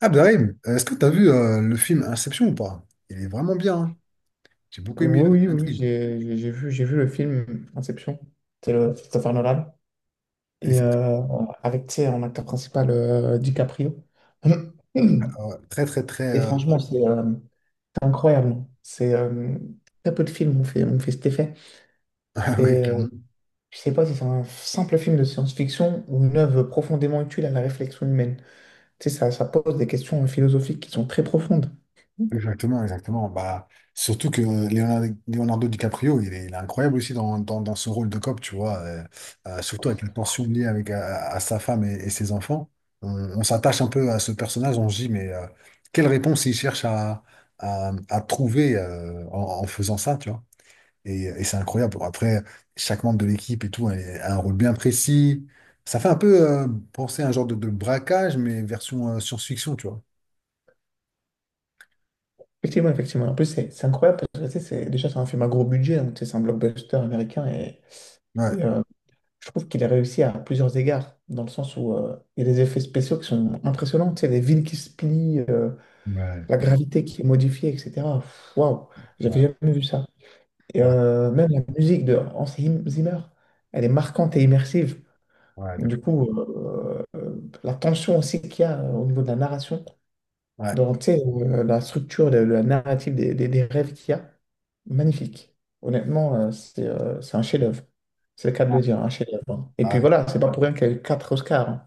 Abderrahim, est-ce que tu as vu le film Inception ou pas? Il est vraiment bien, hein. J'ai beaucoup aimé Oui, oui, oui, oui, l'intrigue. j'ai vu le film Inception, c'est le Christopher Nolan, et Exact. Avec, tu sais, en acteur principal, DiCaprio. Ouais, très, très, très. Et franchement, c'est incroyable. C'est très peu de films ont fait cet effet. Ah oui, Et clairement. je sais pas si c'est un simple film de science-fiction ou une œuvre profondément utile à la réflexion humaine. Tu sais, ça pose des questions philosophiques qui sont très profondes. Exactement, exactement. Bah, surtout que Leonardo DiCaprio, il est incroyable aussi dans ce rôle de cop, tu vois. Surtout avec la tension liée avec, à sa femme et ses enfants. On, on s'attache un peu à ce personnage, on se dit, mais quelle réponse il cherche à trouver, en faisant ça, tu vois? Et c'est incroyable. Bon, après, chaque membre de l'équipe et tout a un rôle bien précis. Ça fait un peu penser à un genre de braquage, mais version science-fiction, tu vois. Effectivement, effectivement. En plus, c'est incroyable parce que tu sais, déjà, c'est un film à gros budget, donc tu sais, c'est un blockbuster américain et Ouais, Et, euh, je trouve qu'il a réussi à plusieurs égards, dans le sens où il y a des effets spéciaux qui sont impressionnants. Tu sais, les villes qui se plient, ouais, la gravité qui est modifiée, etc. Pff, waouh, j'avais ouais, jamais vu ça. Et ouais, même la musique de Hans Zimmer, elle est marquante et immersive. ouais, Du coup, la tension aussi qu'il y a au niveau de la narration, ouais. donc, tu sais, la structure, la, narrative des rêves qu'il y a, magnifique. Honnêtement, c'est un chef-d'œuvre. C'est le cas de le dire, un chef-d'œuvre, hein. Et puis Ah, voilà, c'est pas pour rien qu'il y a eu quatre Oscars, hein.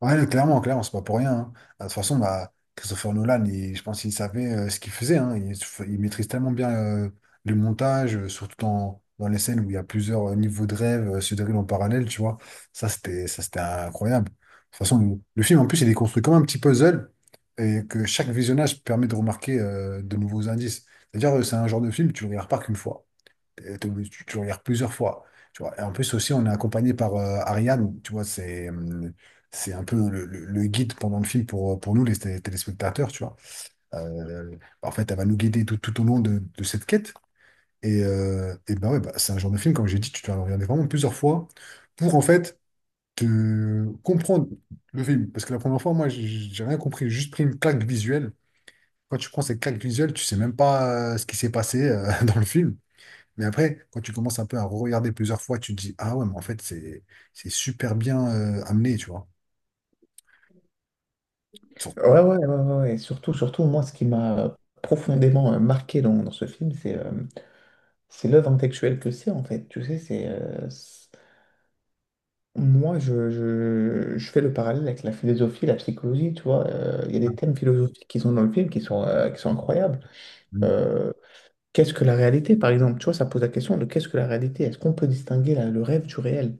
ouais, non, clairement, clairement, c'est pas pour rien, hein. Ah, de toute façon, bah, Christopher Nolan, je pense qu'il savait ce qu'il faisait, hein. Il maîtrise tellement bien, le montage, surtout dans les scènes où il y a plusieurs niveaux de rêve se déroulent en parallèle, tu vois. Ça, c'était incroyable. De toute façon, le film, en plus, il est construit comme un petit puzzle et que chaque visionnage permet de remarquer, de nouveaux indices. C'est-à-dire, c'est un genre de film, tu le regardes pas qu'une fois, tu regardes plusieurs fois. Tu vois. Et en plus aussi, on est accompagné par Ariane, tu vois, c'est un peu le guide pendant le film pour nous, les téléspectateurs, tu vois. Euh, en fait, elle va nous guider tout au long de cette quête. Et ben ouais, bah, c'est un genre de film, comme j'ai dit, tu dois le regarder vraiment plusieurs fois pour en fait te comprendre le film. Parce que la première fois, moi, j'ai rien compris, j'ai juste pris une claque visuelle. Quand tu prends cette claque visuelle, tu sais même pas ce qui s'est passé dans le film. Mais après, quand tu commences un peu à regarder plusieurs fois, tu te dis, ah ouais, mais en fait, c'est super bien, amené, tu vois. Sur- Ouais, ouais, ouais, ouais. Ouais. Et surtout, surtout, moi, ce qui m'a profondément marqué dans ce film, c'est l'œuvre intellectuelle que c'est, en fait. Tu sais, moi, je fais le parallèle avec la philosophie, la psychologie, tu vois. Il y a des thèmes philosophiques qui sont dans le film qui sont incroyables. Mm. Euh, Qu'est-ce que la réalité, par exemple? Tu vois, ça pose la question de qu'est-ce que la réalité? Est-ce qu'on peut distinguer le rêve du réel?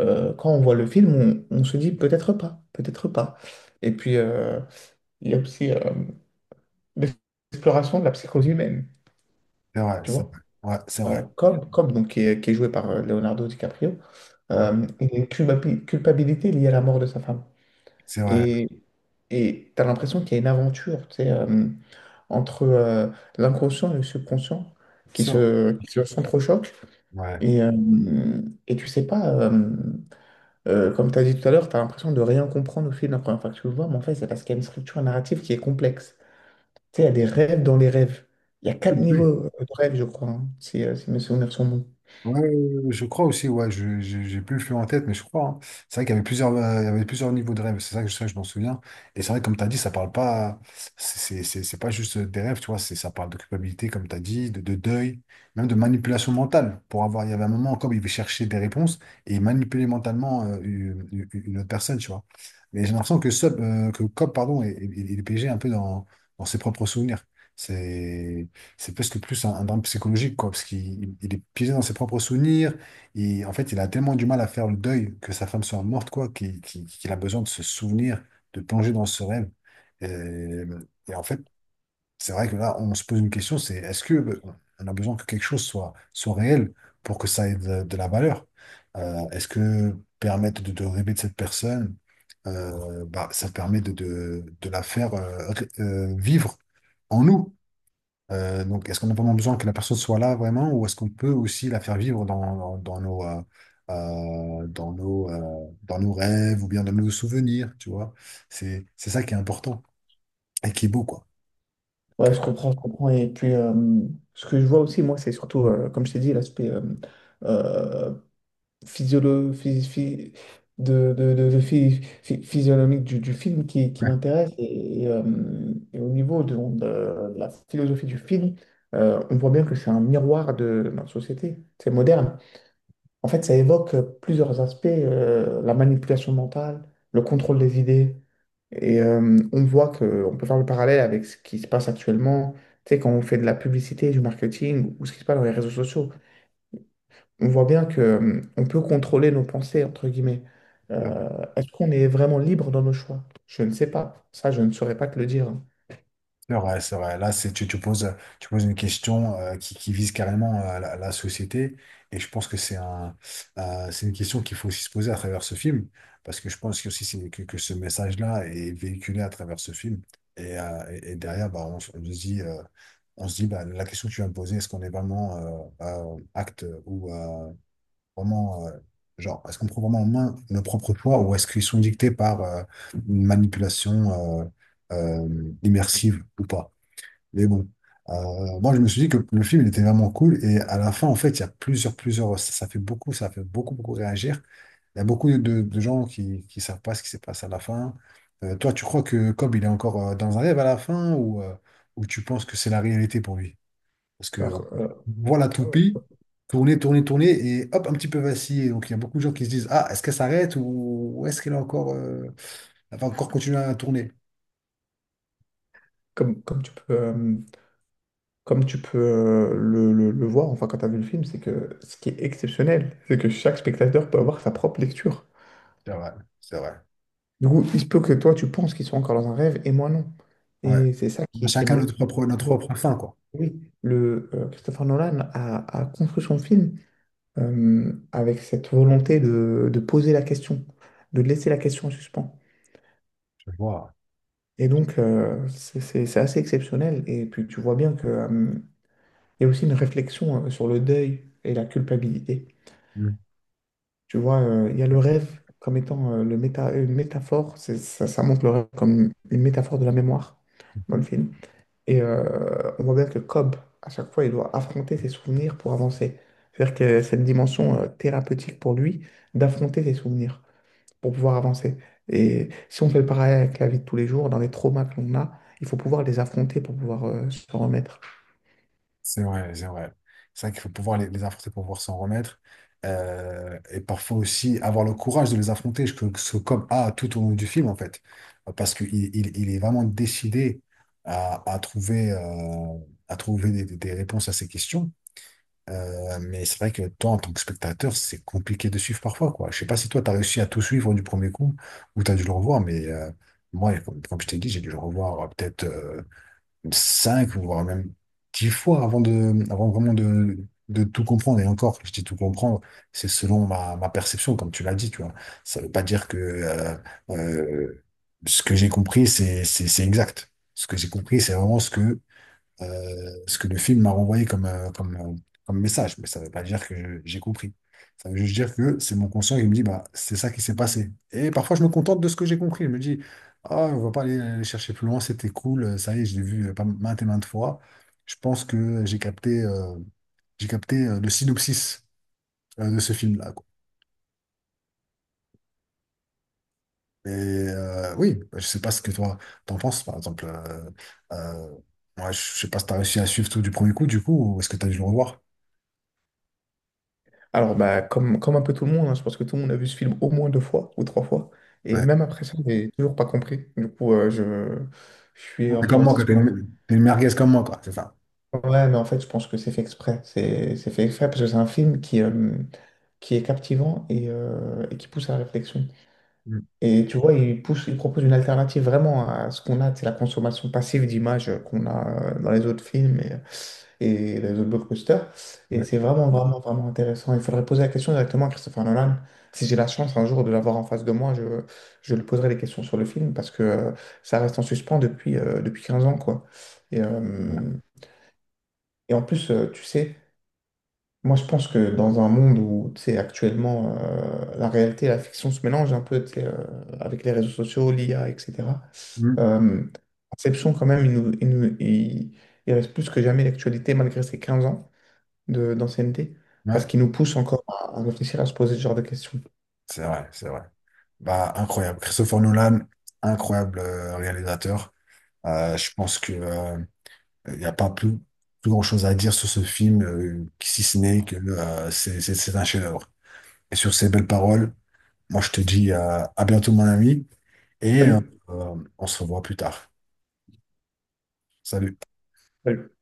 Quand on voit le film, on se dit peut-être pas, peut-être pas. Et puis, il y a aussi l'exploration de la psychose humaine, C'est vrai, tu c'est vois. vrai. Ouais, c'est vrai. Cobb, donc, qui est joué par Leonardo DiCaprio, Mm. Il a une culpabilité liée à la mort de sa femme. C'est vrai. Et et tu as l'impression qu'il y a une aventure, tu sais, entre l'inconscient et le subconscient qui Sur- se, qui se Ouais. Et, euh, et tu sais pas, comme tu as dit tout à l'heure, tu as l'impression de rien comprendre au fil de la première fois que tu le vois, mais en fait, c'est parce qu'il y a une structure narrative qui est complexe. Tu sais, il y a des rêves dans les rêves. Il y a quatre niveaux de rêves, je crois, hein, si mes souvenirs sont bons. Ouais, je crois aussi, ouais, j'ai plus le flux en tête, mais je crois, hein. C'est vrai qu'il y avait il y avait plusieurs niveaux de rêves, c'est ça que ça, je m'en souviens. Et c'est vrai, comme tu as dit, ça parle pas, c'est pas juste des rêves, tu vois, ça parle de culpabilité, comme tu as dit, de deuil, même de manipulation mentale. Pour avoir, il y avait un moment, comme il cherchait des réponses et il manipulait mentalement une autre personne, tu vois. Mais j'ai l'impression que Cobb, pardon, est piégé un peu dans ses propres souvenirs. C'est. C'est presque plus un, drame psychologique, quoi, parce qu'il il est piégé dans ses propres souvenirs. Et en fait, il a tellement du mal à faire le deuil que sa femme soit morte, quoi, qu'il a besoin de se souvenir, de plonger dans ce rêve. Et, et en fait, c'est vrai que là, on se pose une question, c'est est-ce que on a besoin que quelque chose soit réel pour que ça ait de la valeur? Est-ce que permettre de rêver de cette personne, bah, ça permet de la faire, vivre en nous? Donc, est-ce qu'on a vraiment besoin que la personne soit là vraiment, ou est-ce qu'on peut aussi la faire vivre dans nos rêves ou bien dans nos souvenirs, tu vois? C'est ça qui est important et qui est beau, quoi. Ouais, Donc, je comprends, je comprends. Et puis, ce que je vois aussi, moi, c'est surtout, comme je t'ai dit, l'aspect euh, physiolo- phy- phy- de physionomique du film qui euh, m'intéresse. Et au niveau de la philosophie du film, on voit bien que c'est un miroir de notre société. C'est moderne. En fait, ça évoque plusieurs aspects, la manipulation mentale, le contrôle des idées. Et on voit que on peut faire le parallèle avec ce qui se passe actuellement, tu sais, quand on fait de la publicité, du marketing ou ce qui se passe dans les réseaux sociaux. On voit bien que on peut contrôler nos pensées, entre guillemets. ouais. Euh, est-ce qu'on est vraiment libre dans nos choix? Je ne sais pas. Ça, je ne saurais pas te le dire, hein. C'est vrai, c'est vrai. Là, c'est, tu, tu poses une question, qui vise carrément, la société. Et je pense que c'est une question qu'il faut aussi se poser à travers ce film. Parce que je pense que, aussi que ce message-là est véhiculé à travers ce film. Et derrière, bah, on se dit, bah, la question que tu viens de poser, est-ce qu'on est vraiment acte ou vraiment. Genre, est-ce qu'on prend vraiment en main nos propres choix ou est-ce qu'ils sont dictés par une manipulation immersive ou pas? Mais bon, moi je me suis dit que le film il était vraiment cool et à la fin en fait il y a plusieurs plusieurs ça fait beaucoup, ça fait beaucoup beaucoup réagir. Il y a beaucoup de gens qui savent pas ce qui s'est passé à la fin. Toi tu crois que Cobb il est encore dans un rêve à la fin ou tu penses que c'est la réalité pour lui? Parce que Alors, voilà euh, toupie tourner tourner tourner et hop un petit peu vaciller. Donc il y a beaucoup de gens qui se disent ah est-ce qu'elle s'arrête ou est-ce qu'elle est encore elle va encore continuer à tourner? comme, comme tu peux, euh, comme tu peux le voir, enfin, quand tu as vu le film, c'est que ce qui est exceptionnel, c'est que chaque spectateur peut avoir sa propre lecture. C'est vrai, c'est vrai. Du coup, il se peut que toi, tu penses qu'ils sont encore dans un rêve et moi, non. Ouais. Et c'est ça On qui, a est qui est chacun notre magique. propre notre Bon, propre fin, quoi. oui, Christopher Nolan a construit son film, avec cette volonté de poser la question, de laisser la question en suspens. Je vois. Et donc, c'est assez exceptionnel. Et puis, tu vois bien que, il y a aussi une réflexion sur le deuil et la culpabilité. Mhm. Tu vois, il y a le rêve comme étant une métaphore. Ça, ça montre le rêve comme une métaphore de la mémoire dans le Mhm. film. Et on voit bien que Cobb, à chaque fois, il doit affronter ses souvenirs pour avancer. C'est-à-dire que cette dimension thérapeutique pour lui, d'affronter ses souvenirs pour pouvoir avancer. Et si on fait le parallèle avec la vie de tous les jours, dans les traumas que l'on a, il faut pouvoir les affronter pour pouvoir se remettre. C'est vrai, c'est vrai. C'est vrai qu'il faut pouvoir les affronter pour pouvoir s'en remettre. Et parfois aussi avoir le courage de les affronter, ce que Cobb a tout au long du film, en fait. Parce qu'il il est vraiment décidé à, à trouver, euh, à trouver, des réponses à ces questions. Mais c'est vrai que toi, en tant que spectateur, c'est compliqué de suivre parfois, quoi. Je sais pas si toi, tu as réussi à tout suivre du premier coup ou tu as dû le revoir, mais moi, comme je t'ai dit, j'ai dû le revoir, peut-être cinq ou voire même 10 fois avant vraiment de tout comprendre. Et encore, je dis tout comprendre, c'est selon ma perception, comme tu l'as dit, tu vois. Ça veut pas dire que euh, ce que j'ai compris, c'est exact. Ce que j'ai compris, c'est vraiment ce que le film m'a renvoyé comme message. Mais ça ne veut pas dire que j'ai compris. Ça veut juste dire que c'est mon conscient qui me dit, bah, c'est ça qui s'est passé. Et parfois, je me contente de ce que j'ai compris. Je me dis, ah, on ne va pas aller chercher plus loin, c'était cool, ça y est, je l'ai vu, pas maintes et maintes fois. Je pense que j'ai capté, le synopsis de ce film-là, quoi. Et oui, bah, je sais pas ce que toi t'en penses, par exemple. Euh, Moi, je sais pas si t'as réussi à suivre tout du premier coup, du coup, ou est-ce que t'as dû le revoir? Alors, bah, comme un peu tout le monde, hein, je pense que tout le monde a vu ce film au moins deux fois ou trois fois. Et même après ça, j'ai toujours pas compris. Du coup, je suis un T'es peu comme moi, resté quoi. sur T'es ma une, t'es une merguez comme moi, quoi. C'est ça. fin. Ouais, mais en fait, je pense que c'est fait exprès. C'est fait exprès parce que c'est un film qui est captivant et qui pousse à la réflexion. Mm. Et tu vois, il pousse, il propose une alternative vraiment à ce qu'on a, c'est la consommation passive d'images qu'on a dans les autres films et les autres blockbusters. Et Ouais, c'est vraiment, vraiment, vraiment intéressant. Il faudrait poser la question directement à Christopher Nolan. Si j'ai la chance un jour de l'avoir en face de moi, je lui poserai des questions sur le film parce que ça reste en suspens depuis 15 ans, quoi. Et, c'est vrai. euh, et en plus, tu sais, moi je pense que dans un monde où, tu sais, actuellement, la réalité et la fiction se mélangent un peu, tu sais, avec les réseaux sociaux, l'IA, etc. Mm. Euh, Inception, quand même, il reste plus que jamais l'actualité malgré ses 15 ans d'ancienneté, parce Ouais, qu'il nous pousse encore à réfléchir, à se poser ce genre de questions. c'est vrai, c'est vrai. Bah, incroyable. Christopher Nolan, incroyable, réalisateur. Je pense que il n'y a pas plus grand-chose à dire sur ce film, si ce n'est que c'est un chef-d'œuvre. Et sur ces belles paroles, moi, je te dis, à bientôt, mon ami, et Salut! On se revoit plus tard. Salut. Salut.